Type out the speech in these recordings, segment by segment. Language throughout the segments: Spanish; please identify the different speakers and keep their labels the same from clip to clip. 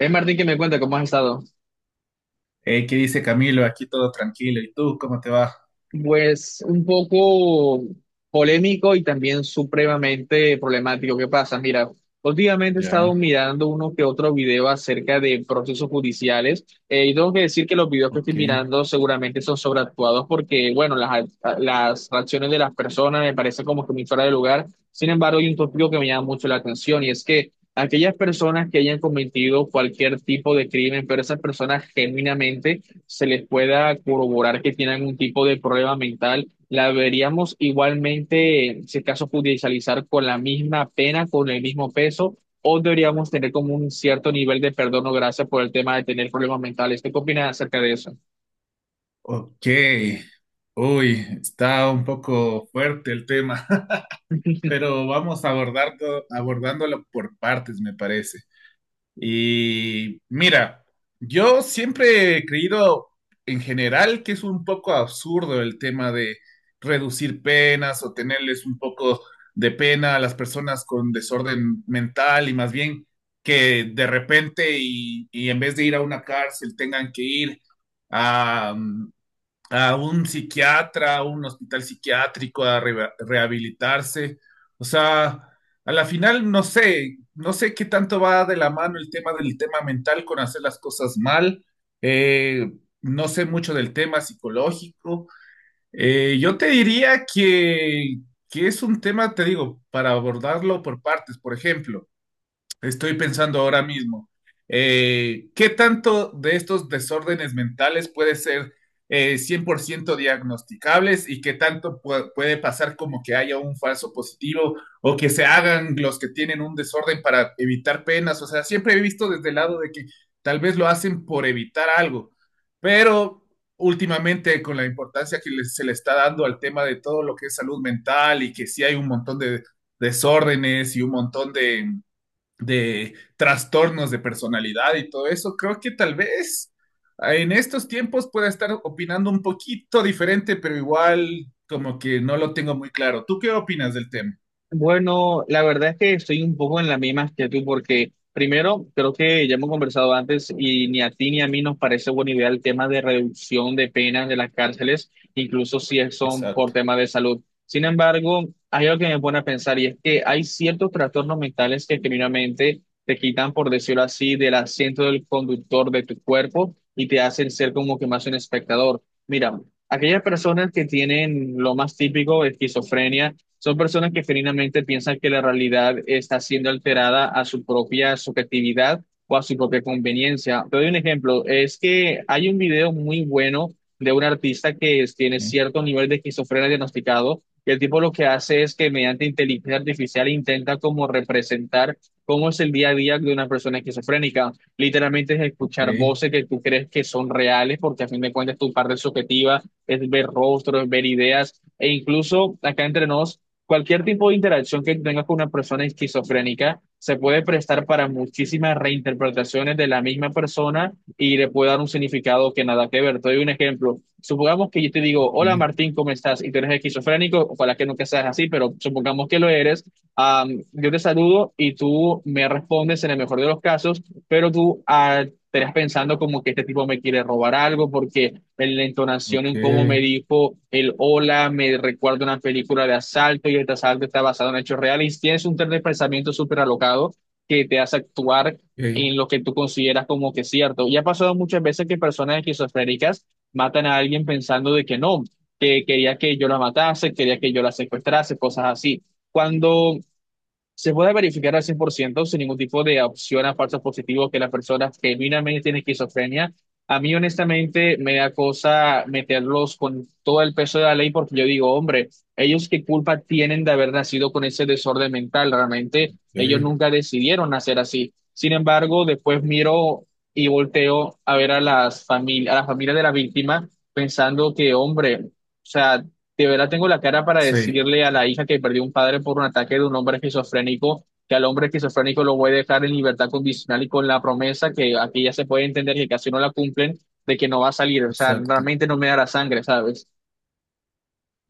Speaker 1: Martín, que me cuenta cómo has estado.
Speaker 2: Hey, ¿qué dice Camilo? Aquí todo tranquilo. ¿Y tú cómo te va?
Speaker 1: Pues un poco polémico y también supremamente problemático. ¿Qué pasa? Mira, últimamente he estado
Speaker 2: Ya,
Speaker 1: mirando uno que otro video acerca de procesos judiciales, y tengo que decir que los videos que estoy
Speaker 2: ok.
Speaker 1: mirando seguramente son sobreactuados porque, bueno, las reacciones de las personas me parecen como que muy fuera de lugar. Sin embargo, hay un tópico que me llama mucho la atención y es que aquellas personas que hayan cometido cualquier tipo de crimen, pero esas personas genuinamente se les pueda corroborar que tiene algún tipo de problema mental, la deberíamos igualmente, si es caso, judicializar con la misma pena, con el mismo peso, o deberíamos tener como un cierto nivel de perdón o gracia por el tema de tener problemas mentales. ¿Tú? ¿Qué opinas acerca de eso?
Speaker 2: Ok. Uy, está un poco fuerte el tema, pero vamos a abordarlo, abordándolo por partes, me parece. Y mira, yo siempre he creído en general que es un poco absurdo el tema de reducir penas o tenerles un poco de pena a las personas con desorden mental y más bien que de repente y en vez de ir a una cárcel tengan que ir a, mm, a un psiquiatra, a un hospital psiquiátrico, a rehabilitarse. O sea, a la final no sé qué tanto va de la mano el tema mental con hacer las cosas mal. Eh, no sé mucho del tema psicológico. Yo te diría que es un tema, te digo, para abordarlo por partes. Por ejemplo, estoy pensando ahora mismo, ¿qué tanto de estos desórdenes mentales puede ser 100% diagnosticables y qué tanto puede pasar como que haya un falso positivo o que se hagan los que tienen un desorden para evitar penas? O sea, siempre he visto desde el lado de que tal vez lo hacen por evitar algo, pero últimamente con la importancia que se le está dando al tema de todo lo que es salud mental y que sí hay un montón de desórdenes y un montón de trastornos de personalidad y todo eso, creo que tal vez en estos tiempos pueda estar opinando un poquito diferente, pero igual como que no lo tengo muy claro. ¿Tú qué opinas del tema?
Speaker 1: Bueno, la verdad es que estoy un poco en la misma que tú, porque primero, creo que ya hemos conversado antes y ni a ti ni a mí nos parece buena idea el tema de reducción de penas de las cárceles, incluso si es- son por
Speaker 2: Exacto.
Speaker 1: temas de salud. Sin embargo, hay algo que me pone a pensar y es que hay ciertos trastornos mentales que genuinamente te quitan, por decirlo así, del asiento del conductor de tu cuerpo y te hacen ser como que más un espectador. Mira, aquellas personas que tienen lo más típico, esquizofrenia, son personas que genuinamente piensan que la realidad está siendo alterada a su propia subjetividad o a su propia conveniencia. Te doy un ejemplo, es que hay un video muy bueno de un artista tiene
Speaker 2: Ok,
Speaker 1: cierto nivel de esquizofrenia diagnosticado, y el tipo lo que hace es que mediante inteligencia artificial intenta como representar cómo es el día a día de una persona esquizofrénica. Literalmente es
Speaker 2: ok,
Speaker 1: escuchar voces que tú crees que son reales, porque a fin de cuentas tu parte subjetiva es ver rostros, ver ideas, e incluso acá entre nos. Cualquier tipo de interacción que tengas con una persona esquizofrénica se puede prestar para muchísimas reinterpretaciones de la misma persona y le puede dar un significado que nada que ver. Te doy un ejemplo. Supongamos que yo te digo, hola Martín, ¿cómo estás? Y tú eres esquizofrénico, ojalá que nunca seas así, pero supongamos que lo eres. Yo te saludo y tú me respondes en el mejor de los casos, pero tú, estarás pensando como que este tipo me quiere robar algo porque en la entonación
Speaker 2: ok,
Speaker 1: en cómo me dijo el hola, me recuerda una película de asalto y este asalto está basado en hechos reales. Tienes un tren de pensamiento súper alocado que te hace actuar
Speaker 2: ok,
Speaker 1: en lo que tú consideras como que es cierto. Y ha pasado muchas veces que personas esquizofrénicas matan a alguien pensando de que no, que quería que yo la matase, quería que yo la secuestrase, cosas así. Cuando se puede verificar al 100% sin ningún tipo de opción a falsos positivos que la persona genuinamente tiene esquizofrenia. A mí, honestamente, me da cosa meterlos con todo el peso de la ley porque yo digo, hombre, ellos qué culpa tienen de haber nacido con ese desorden mental. Realmente, ellos
Speaker 2: ok.
Speaker 1: nunca decidieron nacer así. Sin embargo, después miro y volteo a ver a las familias, a la familia de la víctima pensando que, hombre, o sea, de verdad tengo la cara para
Speaker 2: Sí,
Speaker 1: decirle a la hija que perdió un padre por un ataque de un hombre esquizofrénico, que al hombre esquizofrénico lo voy a dejar en libertad condicional y con la promesa que aquí ya se puede entender que casi no la cumplen, de que no va a salir. O sea,
Speaker 2: exacto.
Speaker 1: realmente no me da la sangre, ¿sabes?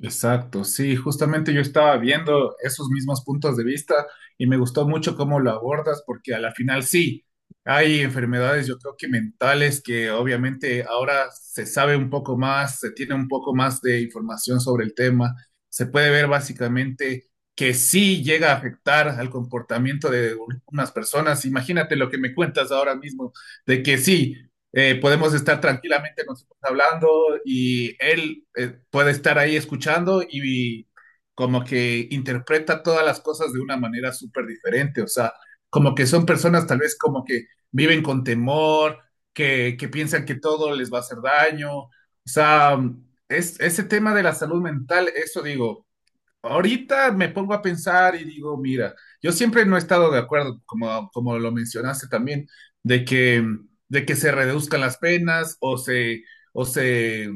Speaker 2: Exacto, sí, justamente yo estaba viendo esos mismos puntos de vista y me gustó mucho cómo lo abordas porque a la final sí, hay enfermedades yo creo que mentales que obviamente ahora se sabe un poco más, se tiene un poco más de información sobre el tema, se puede ver básicamente que sí llega a afectar al comportamiento de unas personas. Imagínate lo que me cuentas ahora mismo, de que sí podemos estar tranquilamente nosotros hablando y él puede estar ahí escuchando y como que interpreta todas las cosas de una manera súper diferente, o sea, como que son personas tal vez como que viven con temor, que piensan que todo les va a hacer daño, o sea, ese tema de la salud mental, eso digo. Ahorita me pongo a pensar y digo, mira, yo siempre no he estado de acuerdo, como, como lo mencionaste también, de que, de que se reduzcan las penas o se, o se,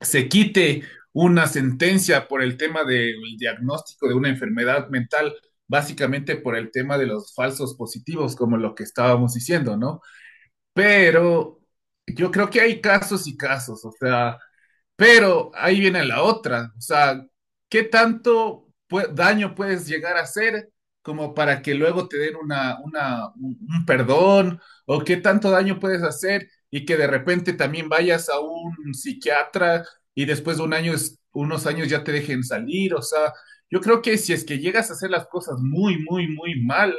Speaker 2: se quite una sentencia por el tema del diagnóstico de una enfermedad mental, básicamente por el tema de los falsos positivos, como lo que estábamos diciendo, ¿no? Pero yo creo que hay casos y casos, o sea, pero ahí viene la otra, o sea, ¿qué tanto daño puedes llegar a hacer como para que luego te den un perdón? ¿O qué tanto daño puedes hacer y que de repente también vayas a un psiquiatra y después de un año, unos años ya te dejen salir? O sea, yo creo que si es que llegas a hacer las cosas muy, muy, muy mal,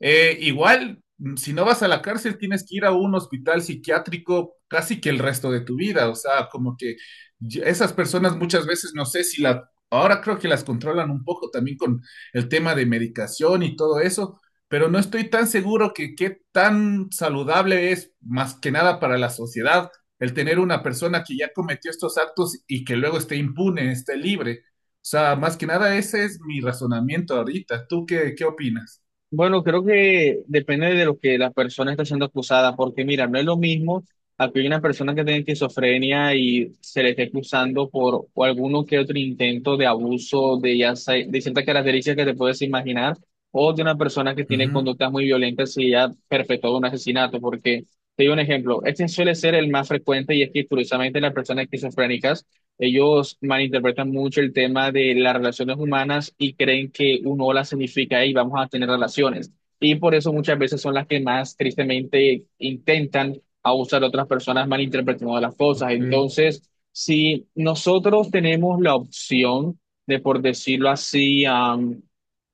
Speaker 2: igual, si no vas a la cárcel, tienes que ir a un hospital psiquiátrico casi que el resto de tu vida, o sea, como que y esas personas muchas veces no sé si la, ahora creo que las controlan un poco también con el tema de medicación y todo eso, pero no estoy tan seguro que qué tan saludable es más que nada para la sociedad el tener una persona que ya cometió estos actos y que luego esté impune, esté libre. O sea, más que nada ese es mi razonamiento ahorita. ¿Tú qué opinas?
Speaker 1: Bueno, creo que depende de lo que la persona está siendo acusada, porque mira, no es lo mismo a que una persona que tenga esquizofrenia y se le esté acusando por o alguno que otro intento de abuso de ciertas características que te puedes imaginar, o de una persona que tiene
Speaker 2: Ujú.
Speaker 1: conductas muy violentas y ya perpetró un asesinato, porque te doy un ejemplo, este suele ser el más frecuente y es que curiosamente las personas esquizofrénicas ellos malinterpretan mucho el tema de las relaciones humanas y creen que un hola significa, y vamos a tener relaciones. Y por eso muchas veces son las que más tristemente intentan abusar a otras personas malinterpretando las cosas.
Speaker 2: Ok,
Speaker 1: Entonces, si nosotros tenemos la opción de, por decirlo así,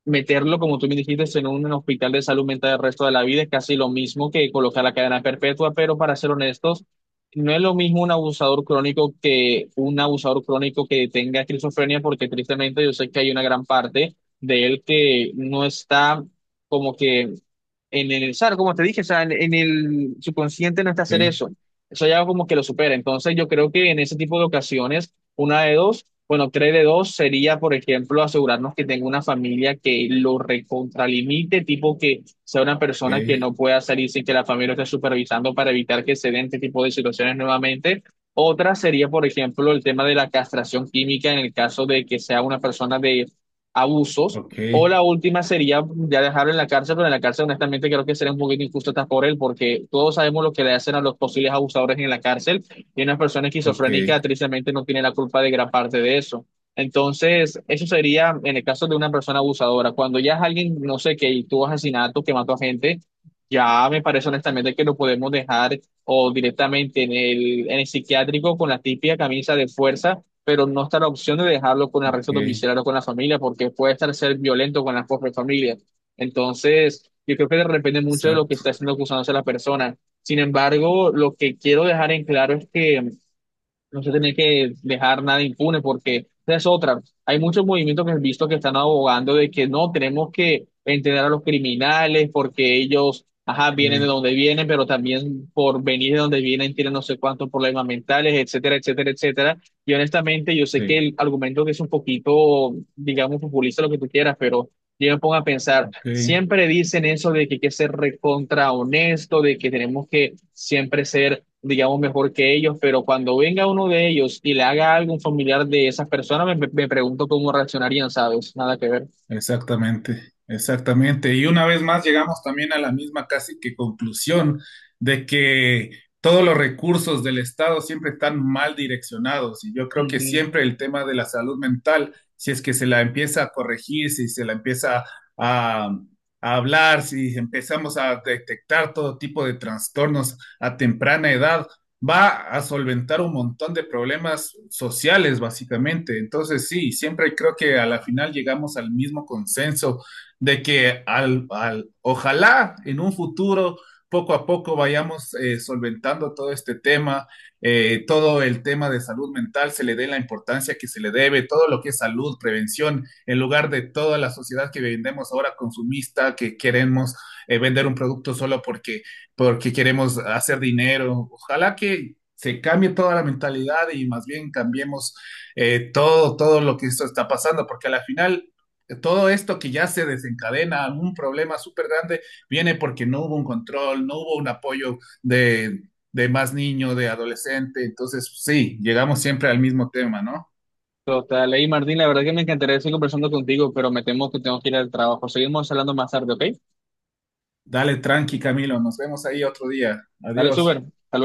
Speaker 1: meterlo, como tú me dijiste, en un hospital de salud mental el resto de la vida, es casi lo mismo que colocar la cadena perpetua, pero para ser honestos, no es lo mismo un abusador crónico que un abusador crónico que tenga esquizofrenia, porque tristemente yo sé que hay una gran parte de él que no está como que en el, ¿sabes? Como te dije, o sea, en el subconsciente no está hacer
Speaker 2: ok,
Speaker 1: eso. Eso ya como que lo supera. Entonces, yo creo que en ese tipo de ocasiones, una de dos, bueno, tres de dos sería, por ejemplo, asegurarnos que tenga una familia que lo recontralimite, tipo que sea una persona que no pueda salir sin que la familia lo esté supervisando para evitar que se den este tipo de situaciones nuevamente. Otra sería, por ejemplo, el tema de la castración química en el caso de que sea una persona de abusos
Speaker 2: ok, ok,
Speaker 1: o la última sería ya dejarlo en la cárcel, pero en la cárcel honestamente creo que sería un poquito injusto hasta por él, porque todos sabemos lo que le hacen a los posibles abusadores en la cárcel y una persona
Speaker 2: ok,
Speaker 1: esquizofrénica tristemente no tiene la culpa de gran parte de eso. Entonces, eso sería en el caso de una persona abusadora. Cuando ya es alguien, no sé, que tuvo asesinato, que mató a gente, ya me parece honestamente que lo podemos dejar o directamente en en el psiquiátrico con la típica camisa de fuerza, pero no está la opción de dejarlo con arresto
Speaker 2: ok,
Speaker 1: domiciliario con la familia, porque puede estar ser violento con la propia familia. Entonces, yo creo que depende mucho de lo que
Speaker 2: exacto,
Speaker 1: está siendo acusándose la persona. Sin embargo, lo que quiero dejar en claro es que no se tiene que dejar nada impune porque esa es otra. Hay muchos movimientos que he visto que están abogando de que no tenemos que entender a los criminales porque ellos, ajá, vienen de
Speaker 2: ok,
Speaker 1: donde vienen, pero también por venir de donde vienen tienen no sé cuántos problemas mentales, etcétera, etcétera, etcétera. Y honestamente, yo sé que
Speaker 2: sí,
Speaker 1: el argumento que es un poquito, digamos, populista, lo que tú quieras, pero yo me pongo a pensar,
Speaker 2: ok.
Speaker 1: siempre dicen eso de que hay que ser recontra honesto, de que tenemos que siempre ser digamos, mejor que ellos, pero cuando venga uno de ellos y le haga algo a un familiar de esas personas, me pregunto cómo reaccionarían, ¿sabes? Nada que ver.
Speaker 2: Exactamente, exactamente. Y una vez más llegamos también a la misma casi que conclusión de que todos los recursos del Estado siempre están mal direccionados. Y yo creo que
Speaker 1: Ujú.
Speaker 2: siempre el tema de la salud mental, si es que se la empieza a corregir, si se la empieza a, a hablar, si empezamos a detectar todo tipo de trastornos a temprana edad, va a solventar un montón de problemas sociales, básicamente. Entonces, sí, siempre creo que a la final llegamos al mismo consenso de que ojalá en un futuro, poco a poco, vayamos solventando todo este tema, todo el tema de salud mental, se le dé la importancia que se le debe, todo lo que es salud, prevención, en lugar de toda la sociedad que vendemos ahora consumista, que queremos vender un producto solo porque queremos hacer dinero. Ojalá que se cambie toda la mentalidad y más bien cambiemos todo lo que esto está pasando, porque al final todo esto que ya se desencadena, un problema súper grande, viene porque no hubo un control, no hubo un apoyo de más niño, de adolescente. Entonces, sí, llegamos siempre al mismo tema, ¿no?
Speaker 1: Total, ey, Martín, la verdad que me encantaría seguir conversando contigo, pero me temo que tengo que ir al trabajo. Seguimos hablando más tarde, ¿ok?
Speaker 2: Dale tranqui, Camilo. Nos vemos ahí otro día.
Speaker 1: Dale, súper.
Speaker 2: Adiós.
Speaker 1: Hasta